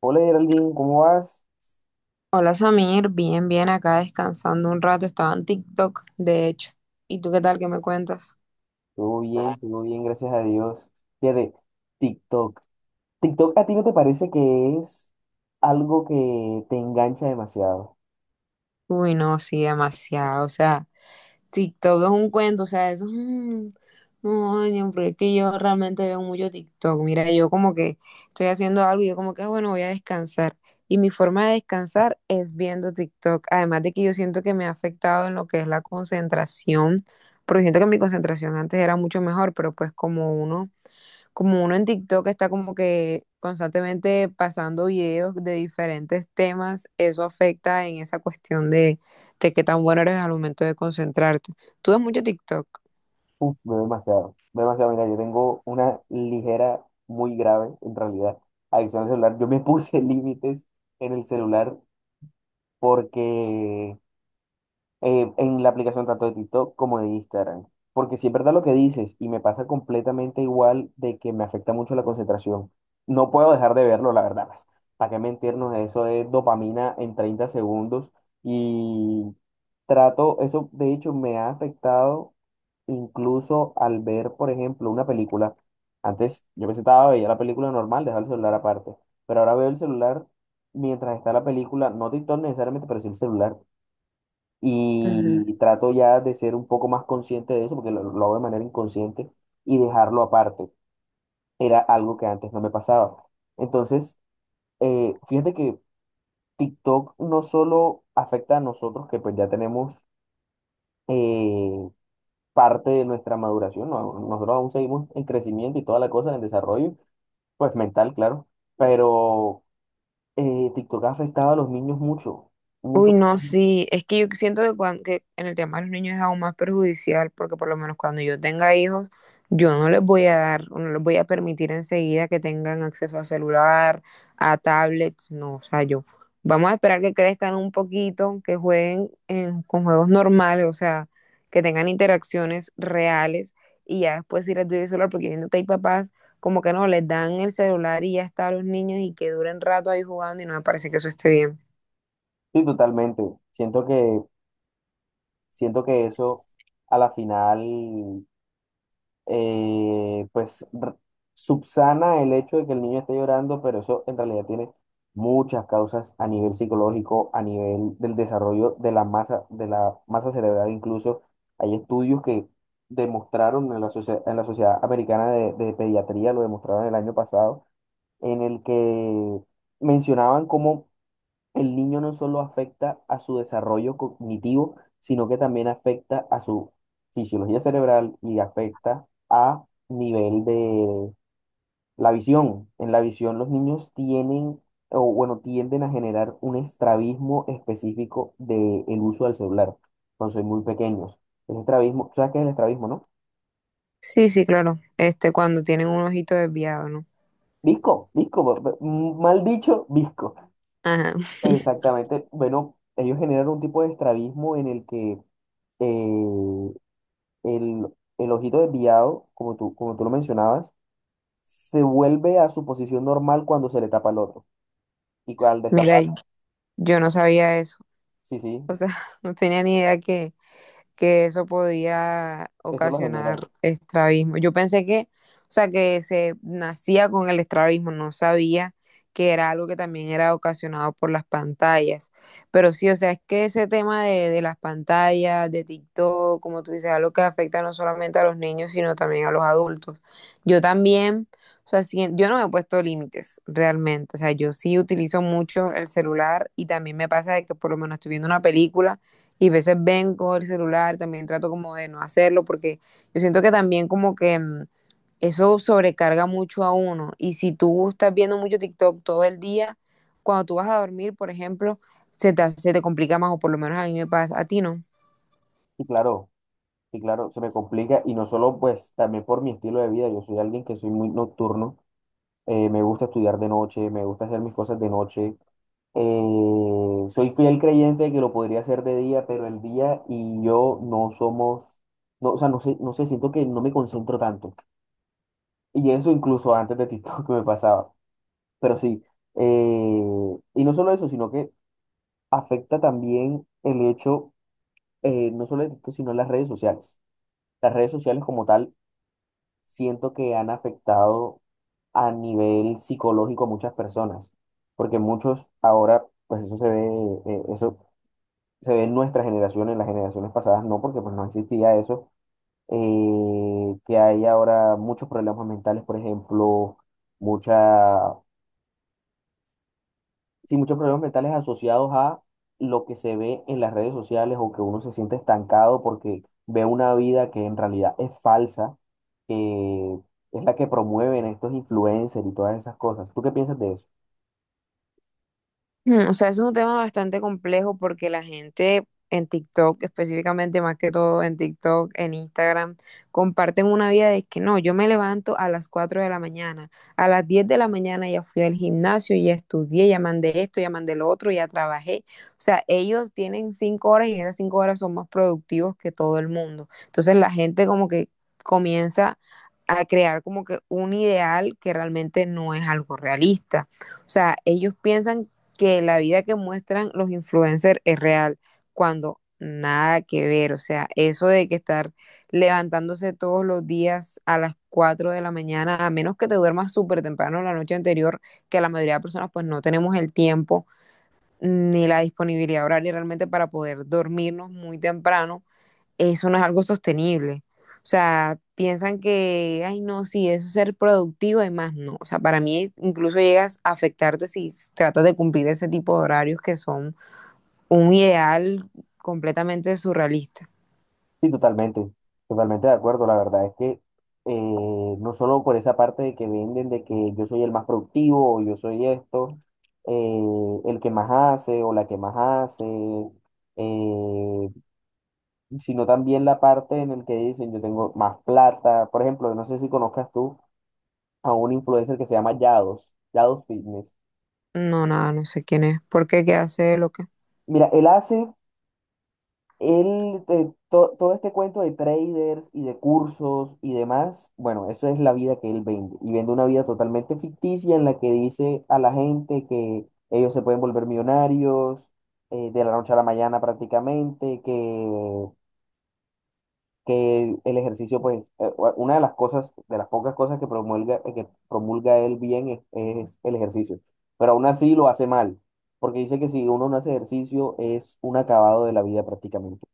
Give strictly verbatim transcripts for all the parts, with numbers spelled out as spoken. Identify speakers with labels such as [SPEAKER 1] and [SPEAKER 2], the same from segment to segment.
[SPEAKER 1] Hola Geraldine, ¿cómo vas?
[SPEAKER 2] Hola Samir, bien, bien acá descansando un rato, estaba en TikTok, de hecho. ¿Y tú qué tal qué me cuentas?
[SPEAKER 1] Todo bien, todo bien, gracias a Dios. Fíjate, TikTok. TikTok, ¿a ti no te parece que es algo que te engancha demasiado?
[SPEAKER 2] Uy, no, sí, demasiado, o sea, TikTok es un cuento, o sea, eso es un... No, ño, porque es que yo realmente veo mucho TikTok, mira, yo como que estoy haciendo algo y yo como que, "Ah, bueno, voy a descansar. Y mi forma de descansar es viendo TikTok, además de que yo siento que me ha afectado en lo que es la concentración, porque siento que mi concentración antes era mucho mejor, pero pues como uno como uno en TikTok está como que constantemente pasando videos de diferentes temas, eso afecta en esa cuestión de, de qué tan bueno eres al momento de concentrarte. ¿Tú ves mucho TikTok?
[SPEAKER 1] Uf, veo demasiado, veo demasiado. Mira, yo tengo una ligera, muy grave, en realidad, adicción al celular. Yo me puse límites en el celular porque eh, en la aplicación tanto de TikTok como de Instagram. Porque si es verdad lo que dices, y me pasa completamente igual de que me afecta mucho la concentración. No puedo dejar de verlo, la verdad. Pues, ¿para qué mentirnos? Eso es dopamina en treinta segundos. Y trato, eso de hecho me ha afectado incluso al ver, por ejemplo, una película. Antes yo me sentaba, veía la película normal, dejaba el celular aparte. Pero ahora veo el celular mientras está la película, no TikTok necesariamente, pero sí el celular y trato ya de ser un poco más consciente de eso, porque lo, lo hago de manera inconsciente, y dejarlo aparte. Era algo que antes no me pasaba. Entonces, eh, fíjate que TikTok no solo afecta a nosotros, que pues ya tenemos eh, parte de nuestra maduración, no- nosotros aún seguimos en crecimiento y toda la cosa, en desarrollo, pues mental, claro, pero eh, TikTok ha afectado a los niños mucho,
[SPEAKER 2] Uy,
[SPEAKER 1] mucho,
[SPEAKER 2] no, sí, es que yo siento que, cuan- que en el tema de los niños es aún más perjudicial porque por lo menos cuando yo tenga hijos, yo no les voy a dar, o no les voy a permitir enseguida que tengan acceso a celular, a tablets, no, o sea, yo, vamos a esperar que crezcan un poquito, que jueguen en- con juegos normales, o sea, que tengan interacciones reales y ya después sí les doy el celular porque yo siento que hay papás como que no, les dan el celular y ya está a los niños y que duren rato ahí jugando y no me parece que eso esté bien.
[SPEAKER 1] sí, totalmente. Siento que Siento que eso a la final, eh, pues r- subsana el hecho de que el niño esté llorando, pero eso en realidad tiene muchas causas a nivel psicológico, a nivel del desarrollo de la masa, de la masa cerebral. Incluso hay estudios que demostraron en la, socie- en la Sociedad Americana de, de Pediatría, lo demostraron el año pasado, en el que mencionaban cómo el niño no solo afecta a su desarrollo cognitivo, sino que también afecta a su fisiología cerebral y afecta a nivel de la visión. En la visión los niños tienen, o bueno, tienden a generar un estrabismo específico del uso del celular cuando son muy pequeños. Ese estrabismo, ¿sabes qué es el estrabismo, no?
[SPEAKER 2] Sí, sí, claro. Este, cuando tienen un ojito desviado, ¿no?
[SPEAKER 1] Visco, visco, bo- bo- mal dicho, visco.
[SPEAKER 2] Ajá.
[SPEAKER 1] Exactamente. Bueno, ellos generan un tipo de estrabismo en el que eh, el, el ojito desviado, como tú, como tú lo mencionabas, se vuelve a su posición normal cuando se le tapa el otro. Y cu- al
[SPEAKER 2] Mira,
[SPEAKER 1] destapar,
[SPEAKER 2] yo no sabía eso.
[SPEAKER 1] sí, sí,
[SPEAKER 2] O sea, no tenía ni idea que, que eso podía
[SPEAKER 1] eso lo genera.
[SPEAKER 2] ocasionar estrabismo. Yo pensé que, o sea, que se nacía con el estrabismo, no sabía que era algo que también era ocasionado por las pantallas. Pero sí, o sea, es que ese tema de, de las pantallas, de TikTok, como tú dices, algo que afecta no solamente a los niños, sino también a los adultos. Yo también, o sea, sí, yo no me he puesto límites realmente. O sea, yo sí utilizo mucho el celular y también me pasa de que por lo menos estoy viendo una película y a veces vengo el celular, también trato como de no hacerlo porque yo siento que también como que mm, eso sobrecarga mucho a uno y si tú estás viendo mucho TikTok todo el día, cuando tú vas a dormir, por ejemplo, se te, hace- se te complica más o por lo menos a mí me pasa, a ti no.
[SPEAKER 1] Y claro, y claro, se me complica. Y no solo, pues, también por mi estilo de vida. Yo soy alguien que soy muy nocturno. Eh, me gusta estudiar de noche, me gusta hacer mis cosas de noche. Eh, soy fiel creyente de que lo podría hacer de día, pero el día y yo no somos, no, o sea, no sé, no sé, siento que no me concentro tanto. Y eso incluso antes de TikTok me pasaba. Pero sí, eh, y no solo eso, sino que afecta también el hecho, eh, no solo de esto, sino las redes sociales. Las redes sociales como tal, siento que han afectado a nivel psicológico a muchas personas, porque muchos ahora, pues eso se ve, eh, eso se ve en nuestra generación, en las generaciones pasadas no, porque pues no existía eso, eh, que hay ahora muchos problemas mentales, por ejemplo, mucha. Sí, muchos problemas mentales asociados a lo que se ve en las redes sociales o que uno se siente estancado porque ve una vida que en realidad es falsa, que es la que promueven estos influencers y todas esas cosas. ¿Tú qué piensas de eso?
[SPEAKER 2] Mm, O sea, es un tema bastante complejo porque la gente en TikTok, específicamente más que todo en TikTok, en Instagram, comparten una vida de que no, yo me levanto a las cuatro de la mañana, a las diez de la mañana ya fui al gimnasio, ya estudié, ya mandé esto, ya mandé lo otro, ya trabajé. O sea, ellos tienen cinco horas y en esas cinco horas son más productivos que todo el mundo. Entonces la gente como que comienza a crear como que un ideal que realmente no es algo realista. O sea, ellos piensan que la vida que muestran los influencers es real, cuando nada que ver, o sea, eso de que estar levantándose todos los días a las cuatro de la mañana, a menos que te duermas súper temprano la noche anterior, que la mayoría de personas pues no tenemos el tiempo ni la disponibilidad horaria realmente para poder dormirnos muy temprano, eso no es algo sostenible. O sea, piensan que, ay, no, sí, eso es ser productivo y más no. O sea, para mí incluso llegas a afectarte si tratas de cumplir ese tipo de horarios que son un ideal completamente surrealista.
[SPEAKER 1] Sí, totalmente, totalmente de acuerdo. La verdad es que eh, no solo por esa parte de que venden de que yo soy el más productivo o yo soy esto, eh, el que más hace o la que más hace, eh, sino también la parte en el que dicen yo tengo más plata. Por ejemplo, no sé si conozcas tú a un influencer que se llama Yados, Yados Fitness.
[SPEAKER 2] No, nada, no sé quién es. ¿Por qué? ¿Qué hace? ¿Lo que?
[SPEAKER 1] Mira, él hace, él, te- to- todo este cuento de traders y de cursos y demás, bueno, eso es la vida que él vende. Y vende una vida totalmente ficticia en la que dice a la gente que ellos se pueden volver millonarios eh, de la noche a la mañana prácticamente, que que el ejercicio, pues, eh, una de las cosas, de las pocas cosas que promulga, eh, que promulga él bien es, es el ejercicio, pero aún así lo hace mal, porque dice que si uno no hace ejercicio es un acabado de la vida prácticamente.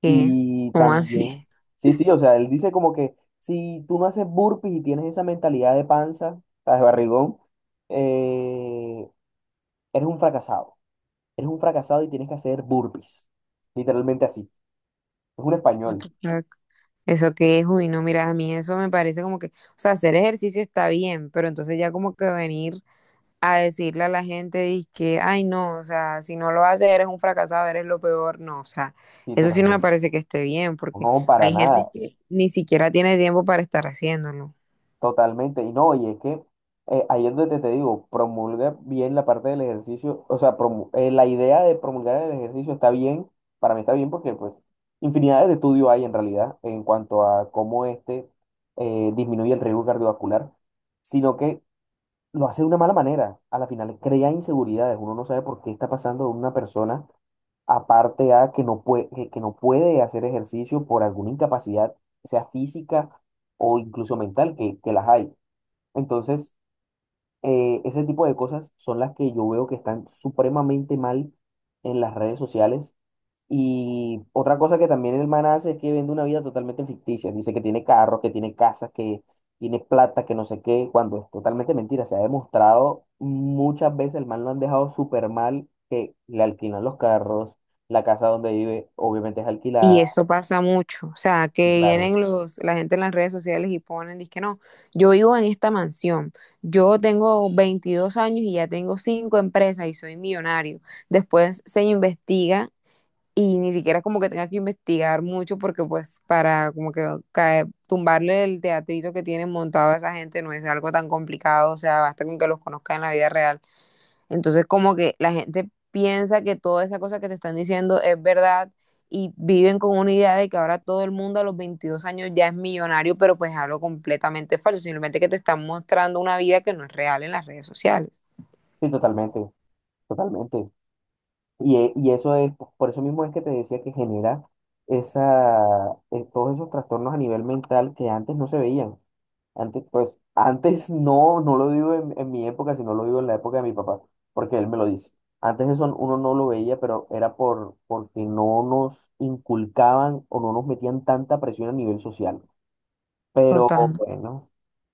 [SPEAKER 2] ¿Qué?
[SPEAKER 1] Y
[SPEAKER 2] ¿Cómo así?
[SPEAKER 1] también, sí, sí, o sea, él dice como que si tú no haces burpees y tienes esa mentalidad de panza, o sea, de barrigón, eh, eres un fracasado, eres un fracasado y tienes que hacer burpees, literalmente así, es un
[SPEAKER 2] What
[SPEAKER 1] español,
[SPEAKER 2] the fuck? Eso qué es, uy, no, mira, a mí eso me parece como que, o sea, hacer ejercicio está bien, pero entonces ya como que venir a decirle a la gente dizque ay no, o sea, si no lo haces eres un fracasado, eres lo peor, no, o sea,
[SPEAKER 1] sí,
[SPEAKER 2] eso sí no me
[SPEAKER 1] totalmente.
[SPEAKER 2] parece que esté bien, porque
[SPEAKER 1] No, para
[SPEAKER 2] hay gente
[SPEAKER 1] nada.
[SPEAKER 2] que ni siquiera tiene tiempo para estar haciéndolo.
[SPEAKER 1] Totalmente, y no, y es que eh, ahí es donde te, te digo, promulga bien la parte del ejercicio, o sea, promu- eh, la idea de promulgar el ejercicio está bien, para mí está bien porque pues infinidades de estudios hay en realidad en cuanto a cómo este eh, disminuye el riesgo cardiovascular, sino que lo hace de una mala manera, a la final crea inseguridades, uno no sabe por qué está pasando de una persona, aparte a que no puede, que que no puede hacer ejercicio por alguna incapacidad, sea física o incluso mental, que, que las hay. Entonces, eh, ese tipo de cosas son las que yo veo que están supremamente mal en las redes sociales. Y otra cosa que también el man hace es que vende una vida totalmente ficticia. Dice que tiene carros, que tiene casas, que tiene plata, que no sé qué, cuando es totalmente mentira. Se ha demostrado muchas veces, el man lo han dejado súper mal, que le alquilan los carros, la casa donde vive obviamente es
[SPEAKER 2] Y
[SPEAKER 1] alquilada.
[SPEAKER 2] eso pasa mucho, o sea,
[SPEAKER 1] Y
[SPEAKER 2] que
[SPEAKER 1] claro,
[SPEAKER 2] vienen los, la gente en las redes sociales y ponen, dizque no, yo vivo en esta mansión, yo tengo veintidós años y ya tengo cinco empresas y soy millonario. Después se investiga y ni siquiera como que tenga que investigar mucho porque pues para como que cae- tumbarle el teatrito que tienen montado a esa gente no es algo tan complicado, o sea, basta con que los conozca en la vida real. Entonces como que la gente piensa que toda esa cosa que te están diciendo es verdad y viven con una idea de que ahora todo el mundo a los veintidós años ya es millonario, pero pues es algo completamente falso, simplemente que te están mostrando una vida que no es real en las redes sociales.
[SPEAKER 1] sí, totalmente, totalmente. Y, e- y eso es, por eso mismo es que te decía que genera esa, eh, todos esos trastornos a nivel mental que antes no se veían. Antes, pues, antes no, no lo digo en, en mi época, sino lo digo en la época de mi papá, porque él me lo dice. Antes eso uno no lo veía, pero era por, porque no nos inculcaban o no nos metían tanta presión a nivel social.
[SPEAKER 2] Total.
[SPEAKER 1] Pero bueno,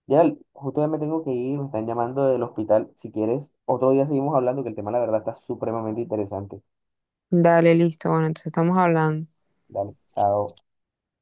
[SPEAKER 1] ya justo ya me tengo que ir, me están llamando del hospital. Si quieres, otro día seguimos hablando, que el tema, la verdad, está supremamente interesante.
[SPEAKER 2] Dale, listo. Bueno, entonces estamos hablando.
[SPEAKER 1] Dale, chao.